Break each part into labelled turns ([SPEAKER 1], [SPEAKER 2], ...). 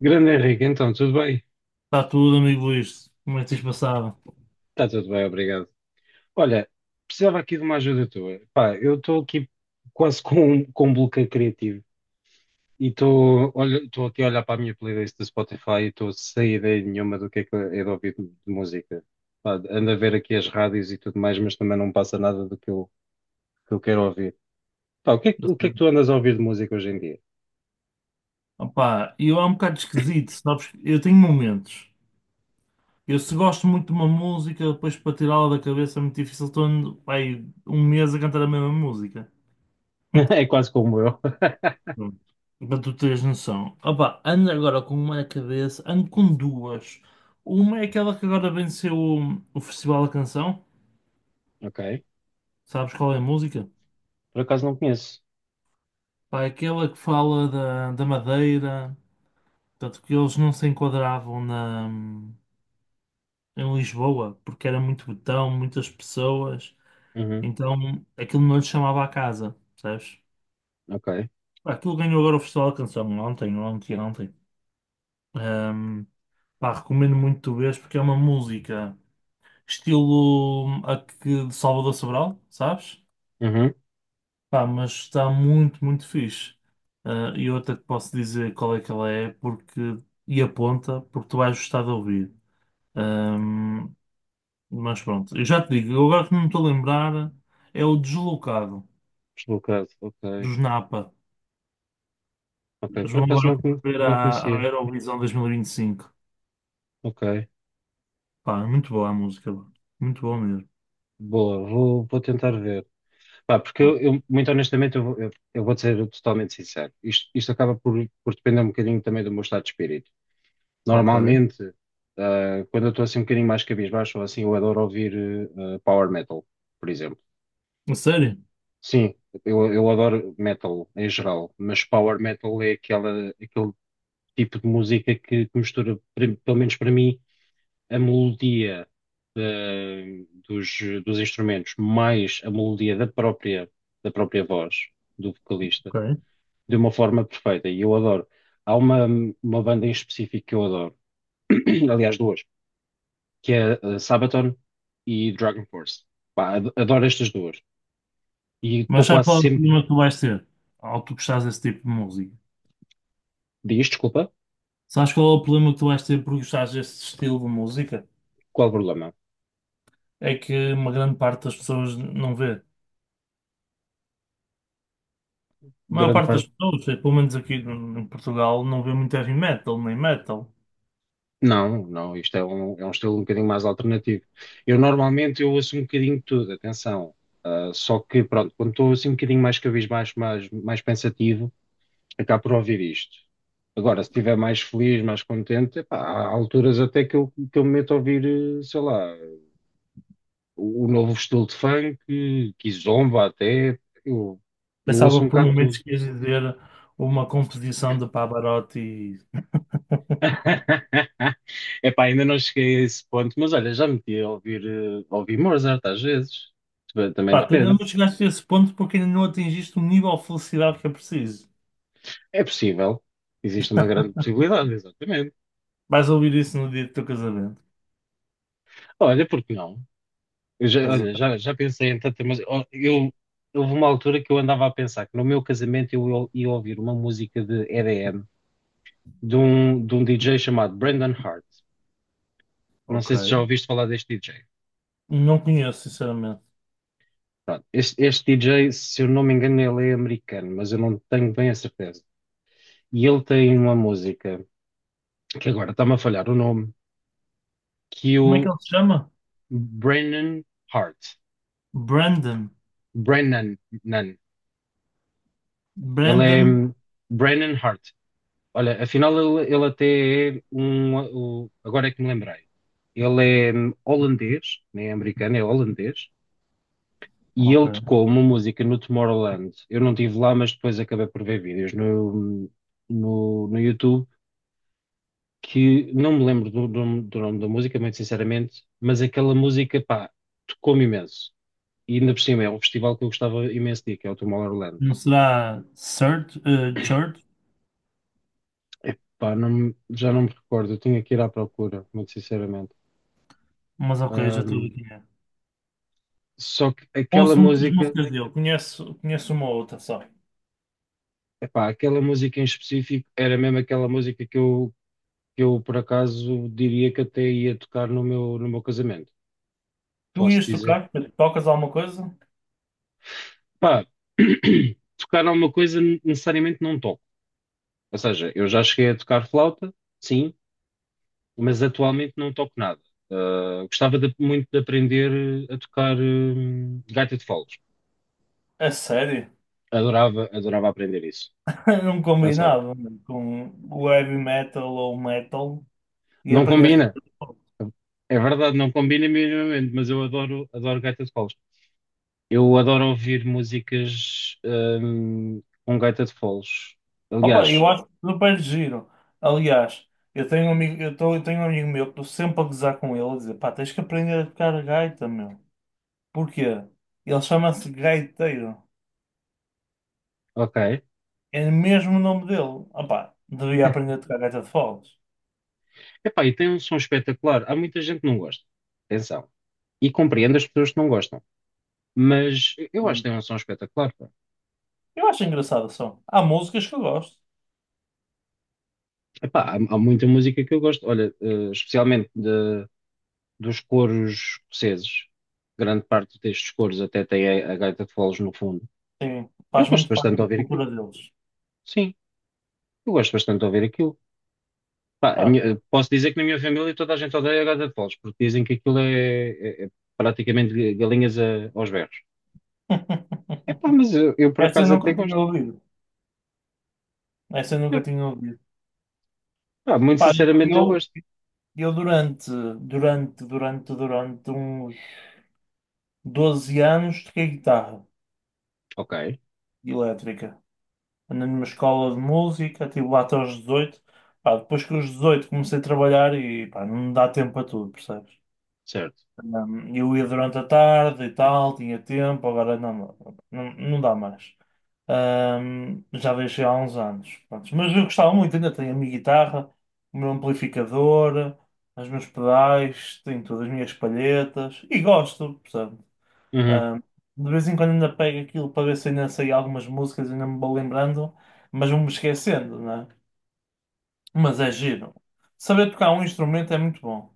[SPEAKER 1] Grande Henrique, então, tudo bem?
[SPEAKER 2] Está tudo, amigo Luís. Como é que tens passado?
[SPEAKER 1] Está tudo bem, obrigado. Olha, precisava aqui de uma ajuda tua. Pá, eu estou aqui quase com, com um bloqueio criativo e estou olha, estou aqui a olhar para a minha playlist do Spotify e estou sem ideia nenhuma do que é de ouvir de música. Pá, ando a ver aqui as rádios e tudo mais, mas também não passa nada do que eu quero ouvir. Pá, o que é que,
[SPEAKER 2] Tá
[SPEAKER 1] o que é que
[SPEAKER 2] certo.
[SPEAKER 1] tu andas a ouvir de música hoje em dia?
[SPEAKER 2] Opá, eu é um bocado esquisito, sabes? Eu tenho momentos. Eu se gosto muito de uma música, depois para tirá-la da cabeça é muito difícil. Estou ando, pá, aí um mês a cantar a mesma música.
[SPEAKER 1] É quase como eu.
[SPEAKER 2] Pronto. Para tu teres noção. Opá, ando agora com uma na cabeça, ando com duas. Uma é aquela que agora venceu o Festival da Canção.
[SPEAKER 1] Ok.
[SPEAKER 2] Sabes qual é a música?
[SPEAKER 1] Por acaso não conheço.
[SPEAKER 2] Pá, é aquela que fala da Madeira. Portanto, que eles não se enquadravam na em Lisboa, porque era muito botão, muitas pessoas,
[SPEAKER 1] Uhum.
[SPEAKER 2] então aquilo não lhe chamava a casa, sabes.
[SPEAKER 1] Ok.
[SPEAKER 2] Aquilo ganhou agora o Festival da Canção ontem, ontem, ontem. Ahm, Pá, recomendo muito tu vês porque é uma música estilo a que de Salvador Sobral, sabes?
[SPEAKER 1] Uhum.
[SPEAKER 2] Pá, mas está muito, muito fixe. Ah, e eu até te posso dizer qual é que ela é porque, e aponta, porque tu vais gostar de ouvir. Ahm, Mas pronto, eu já te digo, eu agora que não me estou a lembrar, é o Deslocado,
[SPEAKER 1] Deslocado. Ok.
[SPEAKER 2] dos Napa.
[SPEAKER 1] Ok,
[SPEAKER 2] Eles
[SPEAKER 1] por
[SPEAKER 2] vão
[SPEAKER 1] acaso
[SPEAKER 2] agora ver
[SPEAKER 1] não
[SPEAKER 2] a
[SPEAKER 1] conhecia.
[SPEAKER 2] Eurovisão 2025.
[SPEAKER 1] Ok,
[SPEAKER 2] Pá, é muito boa a música, pá. Muito boa mesmo.
[SPEAKER 1] boa, vou tentar ver. Pá, porque
[SPEAKER 2] Pá,
[SPEAKER 1] eu, muito honestamente, eu vou ser totalmente sincero. Isto acaba por depender um bocadinho também do meu estado de espírito.
[SPEAKER 2] ok,
[SPEAKER 1] Normalmente, quando eu estou assim um bocadinho mais cabisbaixo ou assim, eu adoro ouvir power metal, por exemplo.
[SPEAKER 2] a sério?
[SPEAKER 1] Sim, eu adoro metal em geral, mas power metal é aquele tipo de música que mistura, pelo menos para mim, a melodia da- dos, dos instrumentos mais a melodia da da própria voz do vocalista
[SPEAKER 2] Ok.
[SPEAKER 1] de uma forma perfeita. E eu adoro. Há uma banda em específico que eu adoro, aliás, duas, que é Sabaton e Dragon Force. Pá, adoro estas duas. E
[SPEAKER 2] Mas
[SPEAKER 1] estou
[SPEAKER 2] sabes
[SPEAKER 1] quase
[SPEAKER 2] qual é o
[SPEAKER 1] sempre.
[SPEAKER 2] problema que tu vais ter ao tu gostares desse tipo de música?
[SPEAKER 1] Diz, desculpa,
[SPEAKER 2] Sabes qual é o problema que tu vais ter por gostares desse estilo de música?
[SPEAKER 1] qual o problema?
[SPEAKER 2] É que uma grande parte das pessoas não vê. A maior
[SPEAKER 1] Grande
[SPEAKER 2] parte das
[SPEAKER 1] parte.
[SPEAKER 2] pessoas, pelo menos aqui em Portugal, não vê muito heavy metal, nem metal.
[SPEAKER 1] Não, não, isto é é um estilo um bocadinho mais alternativo. Eu normalmente eu ouço um bocadinho de tudo, atenção. Ah, só que, pronto, quando estou assim um bocadinho mais cabisbaixo, mais pensativo, acabo por ouvir isto. Agora, se estiver mais feliz, mais contente, epá, há alturas até que eu me meto a ouvir, sei lá, o novo estilo de funk, que zomba até, eu, eu ouço um
[SPEAKER 2] Pensava por
[SPEAKER 1] bocado de
[SPEAKER 2] momentos
[SPEAKER 1] tudo.
[SPEAKER 2] que ias dizer uma composição de Pavarotti.
[SPEAKER 1] Epá, ainda não cheguei a esse ponto, mas olha, já meti a ouvir, a ouvir Mozart às vezes. Também também
[SPEAKER 2] Pá, tu ainda
[SPEAKER 1] depende.
[SPEAKER 2] não chegaste a esse ponto porque ainda não atingiste o nível de felicidade que é preciso.
[SPEAKER 1] É possível. Existe uma grande possibilidade, exatamente.
[SPEAKER 2] Vais ouvir isso no dia do teu casamento.
[SPEAKER 1] Olha, porque não? Eu já,
[SPEAKER 2] Estás a
[SPEAKER 1] olha,
[SPEAKER 2] ver?
[SPEAKER 1] já pensei em tanta, mas ó, eu, houve uma altura que eu andava a pensar que no meu casamento eu ia ouvir uma música de EDM de um DJ chamado Brendan Hart. Não
[SPEAKER 2] Ok.
[SPEAKER 1] sei se já ouviste falar deste DJ.
[SPEAKER 2] Não conheço, sinceramente.
[SPEAKER 1] Pronto, este DJ, se eu não me engano, ele é americano, mas eu não tenho bem a certeza. E ele tem uma música, que agora está-me a falhar o nome, que é
[SPEAKER 2] Como é que
[SPEAKER 1] o
[SPEAKER 2] ele se chama?
[SPEAKER 1] Brennan Hart.
[SPEAKER 2] Brandon.
[SPEAKER 1] Brennan, nan. Ele é
[SPEAKER 2] Brandon.
[SPEAKER 1] Brennan Hart. Olha, afinal ele até é agora é que me lembrei. Ele é holandês, nem é americano, é holandês. E ele
[SPEAKER 2] Ok.
[SPEAKER 1] tocou uma música no Tomorrowland. Eu não estive lá, mas depois acabei por ver vídeos hum, no YouTube que não me lembro do nome da música, muito sinceramente, mas aquela música, pá, tocou-me imenso. E ainda por cima é um festival que eu gostava imenso de ir, que é o Tomorrowland.
[SPEAKER 2] Não será Sir, Church?
[SPEAKER 1] Epá, já não me recordo, eu tinha que ir à procura, muito sinceramente.
[SPEAKER 2] Mas ok, já estou a ver
[SPEAKER 1] Ahm,
[SPEAKER 2] quem é.
[SPEAKER 1] Só que aquela
[SPEAKER 2] Ouço muitas
[SPEAKER 1] música,
[SPEAKER 2] músicas dele. Conheço, conheço uma ou outra só.
[SPEAKER 1] epá, aquela música em específico era mesmo aquela música que eu por acaso diria que até ia tocar no no meu casamento,
[SPEAKER 2] Tu
[SPEAKER 1] posso
[SPEAKER 2] ias
[SPEAKER 1] dizer.
[SPEAKER 2] tocar? Tocas alguma coisa?
[SPEAKER 1] Pá, tocar alguma coisa necessariamente não toco. Ou seja, eu já cheguei a tocar flauta, sim, mas atualmente não toco nada. Ah, muito de aprender a tocar, gaita de foles.
[SPEAKER 2] A sério?
[SPEAKER 1] Adorava, adorava aprender isso.
[SPEAKER 2] Não
[SPEAKER 1] A sério.
[SPEAKER 2] combinava mano, com o heavy metal ou o metal e
[SPEAKER 1] Não
[SPEAKER 2] aprendes.
[SPEAKER 1] combina. É verdade, não combina minimamente, mas eu adoro, adoro gaita de foles. Eu adoro ouvir músicas, com gaita de foles.
[SPEAKER 2] Opa,
[SPEAKER 1] Aliás,
[SPEAKER 2] eu acho super giro. Aliás, eu tenho um amigo, eu tenho um amigo meu que estou sempre a gozar com ele a dizer, pá, tens que aprender a tocar gaita, meu. Porquê? Ele chama-se gaiteiro.
[SPEAKER 1] ok.
[SPEAKER 2] É mesmo o nome dele. Opá, devia aprender a tocar gaita de foles.
[SPEAKER 1] Epá, e tem um som espetacular. Há muita gente que não gosta. Atenção. E compreendo as pessoas que não gostam. Mas eu acho
[SPEAKER 2] Hum.
[SPEAKER 1] que tem um som espetacular, pá.
[SPEAKER 2] Eu acho engraçado só. Há músicas que eu gosto.
[SPEAKER 1] Epá, há muita música que eu gosto. Olha, especialmente dos coros escoceses. Grande parte destes coros até tem a gaita de foles no fundo.
[SPEAKER 2] Sim,
[SPEAKER 1] Eu
[SPEAKER 2] faz
[SPEAKER 1] gosto
[SPEAKER 2] muito
[SPEAKER 1] bastante
[SPEAKER 2] parte
[SPEAKER 1] de
[SPEAKER 2] da
[SPEAKER 1] ouvir aquilo.
[SPEAKER 2] cultura deles.
[SPEAKER 1] Sim, eu gosto bastante de ouvir aquilo. Pá,
[SPEAKER 2] Pá.
[SPEAKER 1] posso dizer que na minha família toda a gente odeia a gaita de foles, porque dizem que aquilo é praticamente galinhas aos berros. Epá, mas eu por
[SPEAKER 2] Essa eu
[SPEAKER 1] acaso até
[SPEAKER 2] nunca tinha
[SPEAKER 1] gosto.
[SPEAKER 2] ouvido. Essa eu
[SPEAKER 1] Eu,
[SPEAKER 2] nunca tinha ouvido.
[SPEAKER 1] pá, muito
[SPEAKER 2] Pá,
[SPEAKER 1] sinceramente eu
[SPEAKER 2] eu,
[SPEAKER 1] gosto.
[SPEAKER 2] eu durante, durante uns 12 anos toquei guitarra
[SPEAKER 1] Ok,
[SPEAKER 2] elétrica. Andei numa escola de música, estive lá até aos 18. Pá, depois que os 18 comecei a trabalhar e pá, não me dá tempo para tudo, percebes?
[SPEAKER 1] certo.
[SPEAKER 2] Eu ia durante a tarde e tal, tinha tempo, agora não, não dá mais. Já deixei há uns anos. Pronto, mas eu gostava muito, ainda tenho a minha guitarra, o meu amplificador, os meus pedais, tenho todas as minhas palhetas e gosto, percebe?
[SPEAKER 1] Uhum.
[SPEAKER 2] Hum, de vez em quando ainda pego aquilo para ver se ainda sei algumas músicas, ainda me vou lembrando, mas vou-me esquecendo, não é? Mas é giro. Saber tocar um instrumento é muito bom.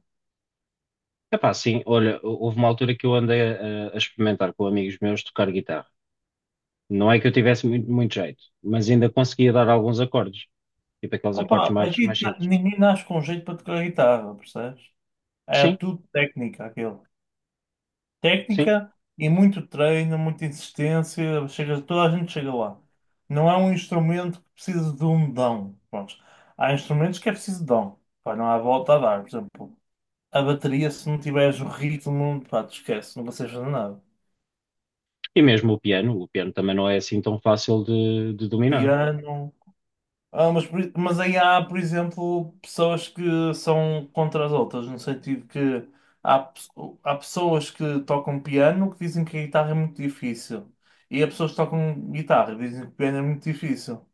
[SPEAKER 1] Epá, sim, olha, houve uma altura que eu andei a experimentar com amigos meus tocar guitarra. Não é que eu tivesse muito, muito jeito, mas ainda conseguia dar alguns acordes, tipo aqueles acordes
[SPEAKER 2] Opa,
[SPEAKER 1] mais simples.
[SPEAKER 2] ninguém nasce com jeito para tocar guitarra, percebes? É
[SPEAKER 1] Sim,
[SPEAKER 2] tudo técnica, aquilo.
[SPEAKER 1] sim.
[SPEAKER 2] Técnica e muito treino, muita insistência, chega, toda a gente chega lá. Não é um instrumento que precisa de um dom. Pronto. Há instrumentos que é preciso dom. Pá, não há volta a dar. Por exemplo, a bateria, se não tiveres o ritmo, pá, te esquece, não consegues fazer nada. Claro.
[SPEAKER 1] E mesmo o piano também não é assim tão fácil de dominar.
[SPEAKER 2] Piano, ah, mas aí há, por exemplo, pessoas que são contra as outras, no sentido que há, pe- há pessoas que tocam piano que dizem que a guitarra é muito difícil. E há pessoas que tocam guitarra e dizem que o piano é muito difícil.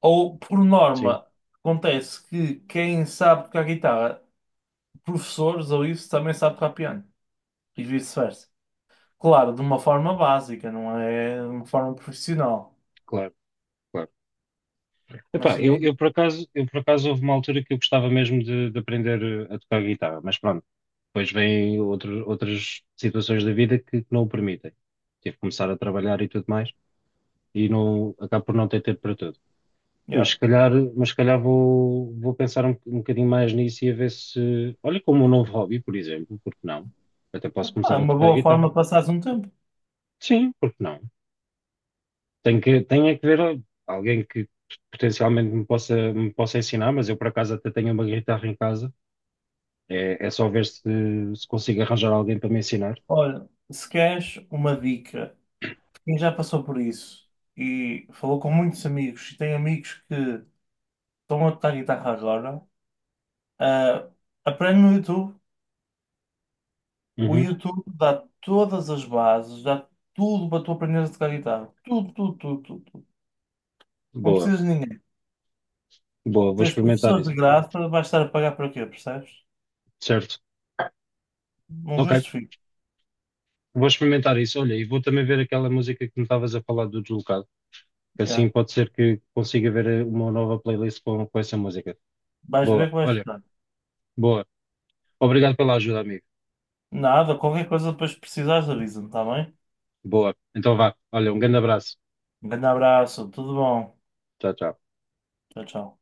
[SPEAKER 2] Ou, por
[SPEAKER 1] Sim,
[SPEAKER 2] norma, acontece que quem sabe tocar guitarra, professores ou isso, também sabe tocar piano. E vice-versa. Claro, de uma forma básica, não é de uma forma profissional.
[SPEAKER 1] claro, claro.
[SPEAKER 2] Mas
[SPEAKER 1] Epá,
[SPEAKER 2] sim, é
[SPEAKER 1] eu por acaso houve uma altura que eu gostava mesmo de aprender a tocar guitarra, mas pronto, depois vêm outras situações da vida que não o permitem. Tive que começar a trabalhar e tudo mais. E não, acabo por não ter tempo para tudo.
[SPEAKER 2] yeah.
[SPEAKER 1] Mas se calhar vou pensar um bocadinho mais nisso e a ver se. Olha, como um novo hobby, por exemplo, porque não? Até posso
[SPEAKER 2] Ah, é
[SPEAKER 1] começar a
[SPEAKER 2] uma
[SPEAKER 1] tocar
[SPEAKER 2] boa forma
[SPEAKER 1] guitarra.
[SPEAKER 2] de passares um tempo.
[SPEAKER 1] Sim, porque não? Tenho é que ver alguém que potencialmente me me possa ensinar, mas eu por acaso até tenho uma guitarra em casa. É só ver se consigo arranjar alguém para me ensinar.
[SPEAKER 2] Olha, se queres uma dica, quem já passou por isso e falou com muitos amigos e tem amigos que estão a tocar guitarra agora, ah, aprende no YouTube. O
[SPEAKER 1] Uhum.
[SPEAKER 2] YouTube dá todas as bases, dá tudo para tu aprenderes a tocar guitarra. Tudo, tudo, tudo, tudo, tudo. Não
[SPEAKER 1] Boa,
[SPEAKER 2] precisas de ninguém.
[SPEAKER 1] boa, vou
[SPEAKER 2] Tens
[SPEAKER 1] experimentar
[SPEAKER 2] professores de
[SPEAKER 1] isso.
[SPEAKER 2] graça, vais estar a pagar para quê, percebes?
[SPEAKER 1] Certo.
[SPEAKER 2] Não
[SPEAKER 1] Ok,
[SPEAKER 2] justifico.
[SPEAKER 1] vou experimentar isso. Olha, e vou também ver aquela música que me estavas a falar do deslocado.
[SPEAKER 2] Yeah.
[SPEAKER 1] Assim pode ser que consiga ver uma nova playlist com essa música.
[SPEAKER 2] Vais
[SPEAKER 1] Boa,
[SPEAKER 2] ver que vais
[SPEAKER 1] olha,
[SPEAKER 2] gostar.
[SPEAKER 1] boa. Obrigado pela ajuda, amigo.
[SPEAKER 2] Nada, qualquer coisa depois que precisares, avisa-me, está bem?
[SPEAKER 1] Boa. Então vá. Olha, um grande abraço.
[SPEAKER 2] Um grande abraço, tudo bom.
[SPEAKER 1] Tchau, tchau.
[SPEAKER 2] Tchau, tchau.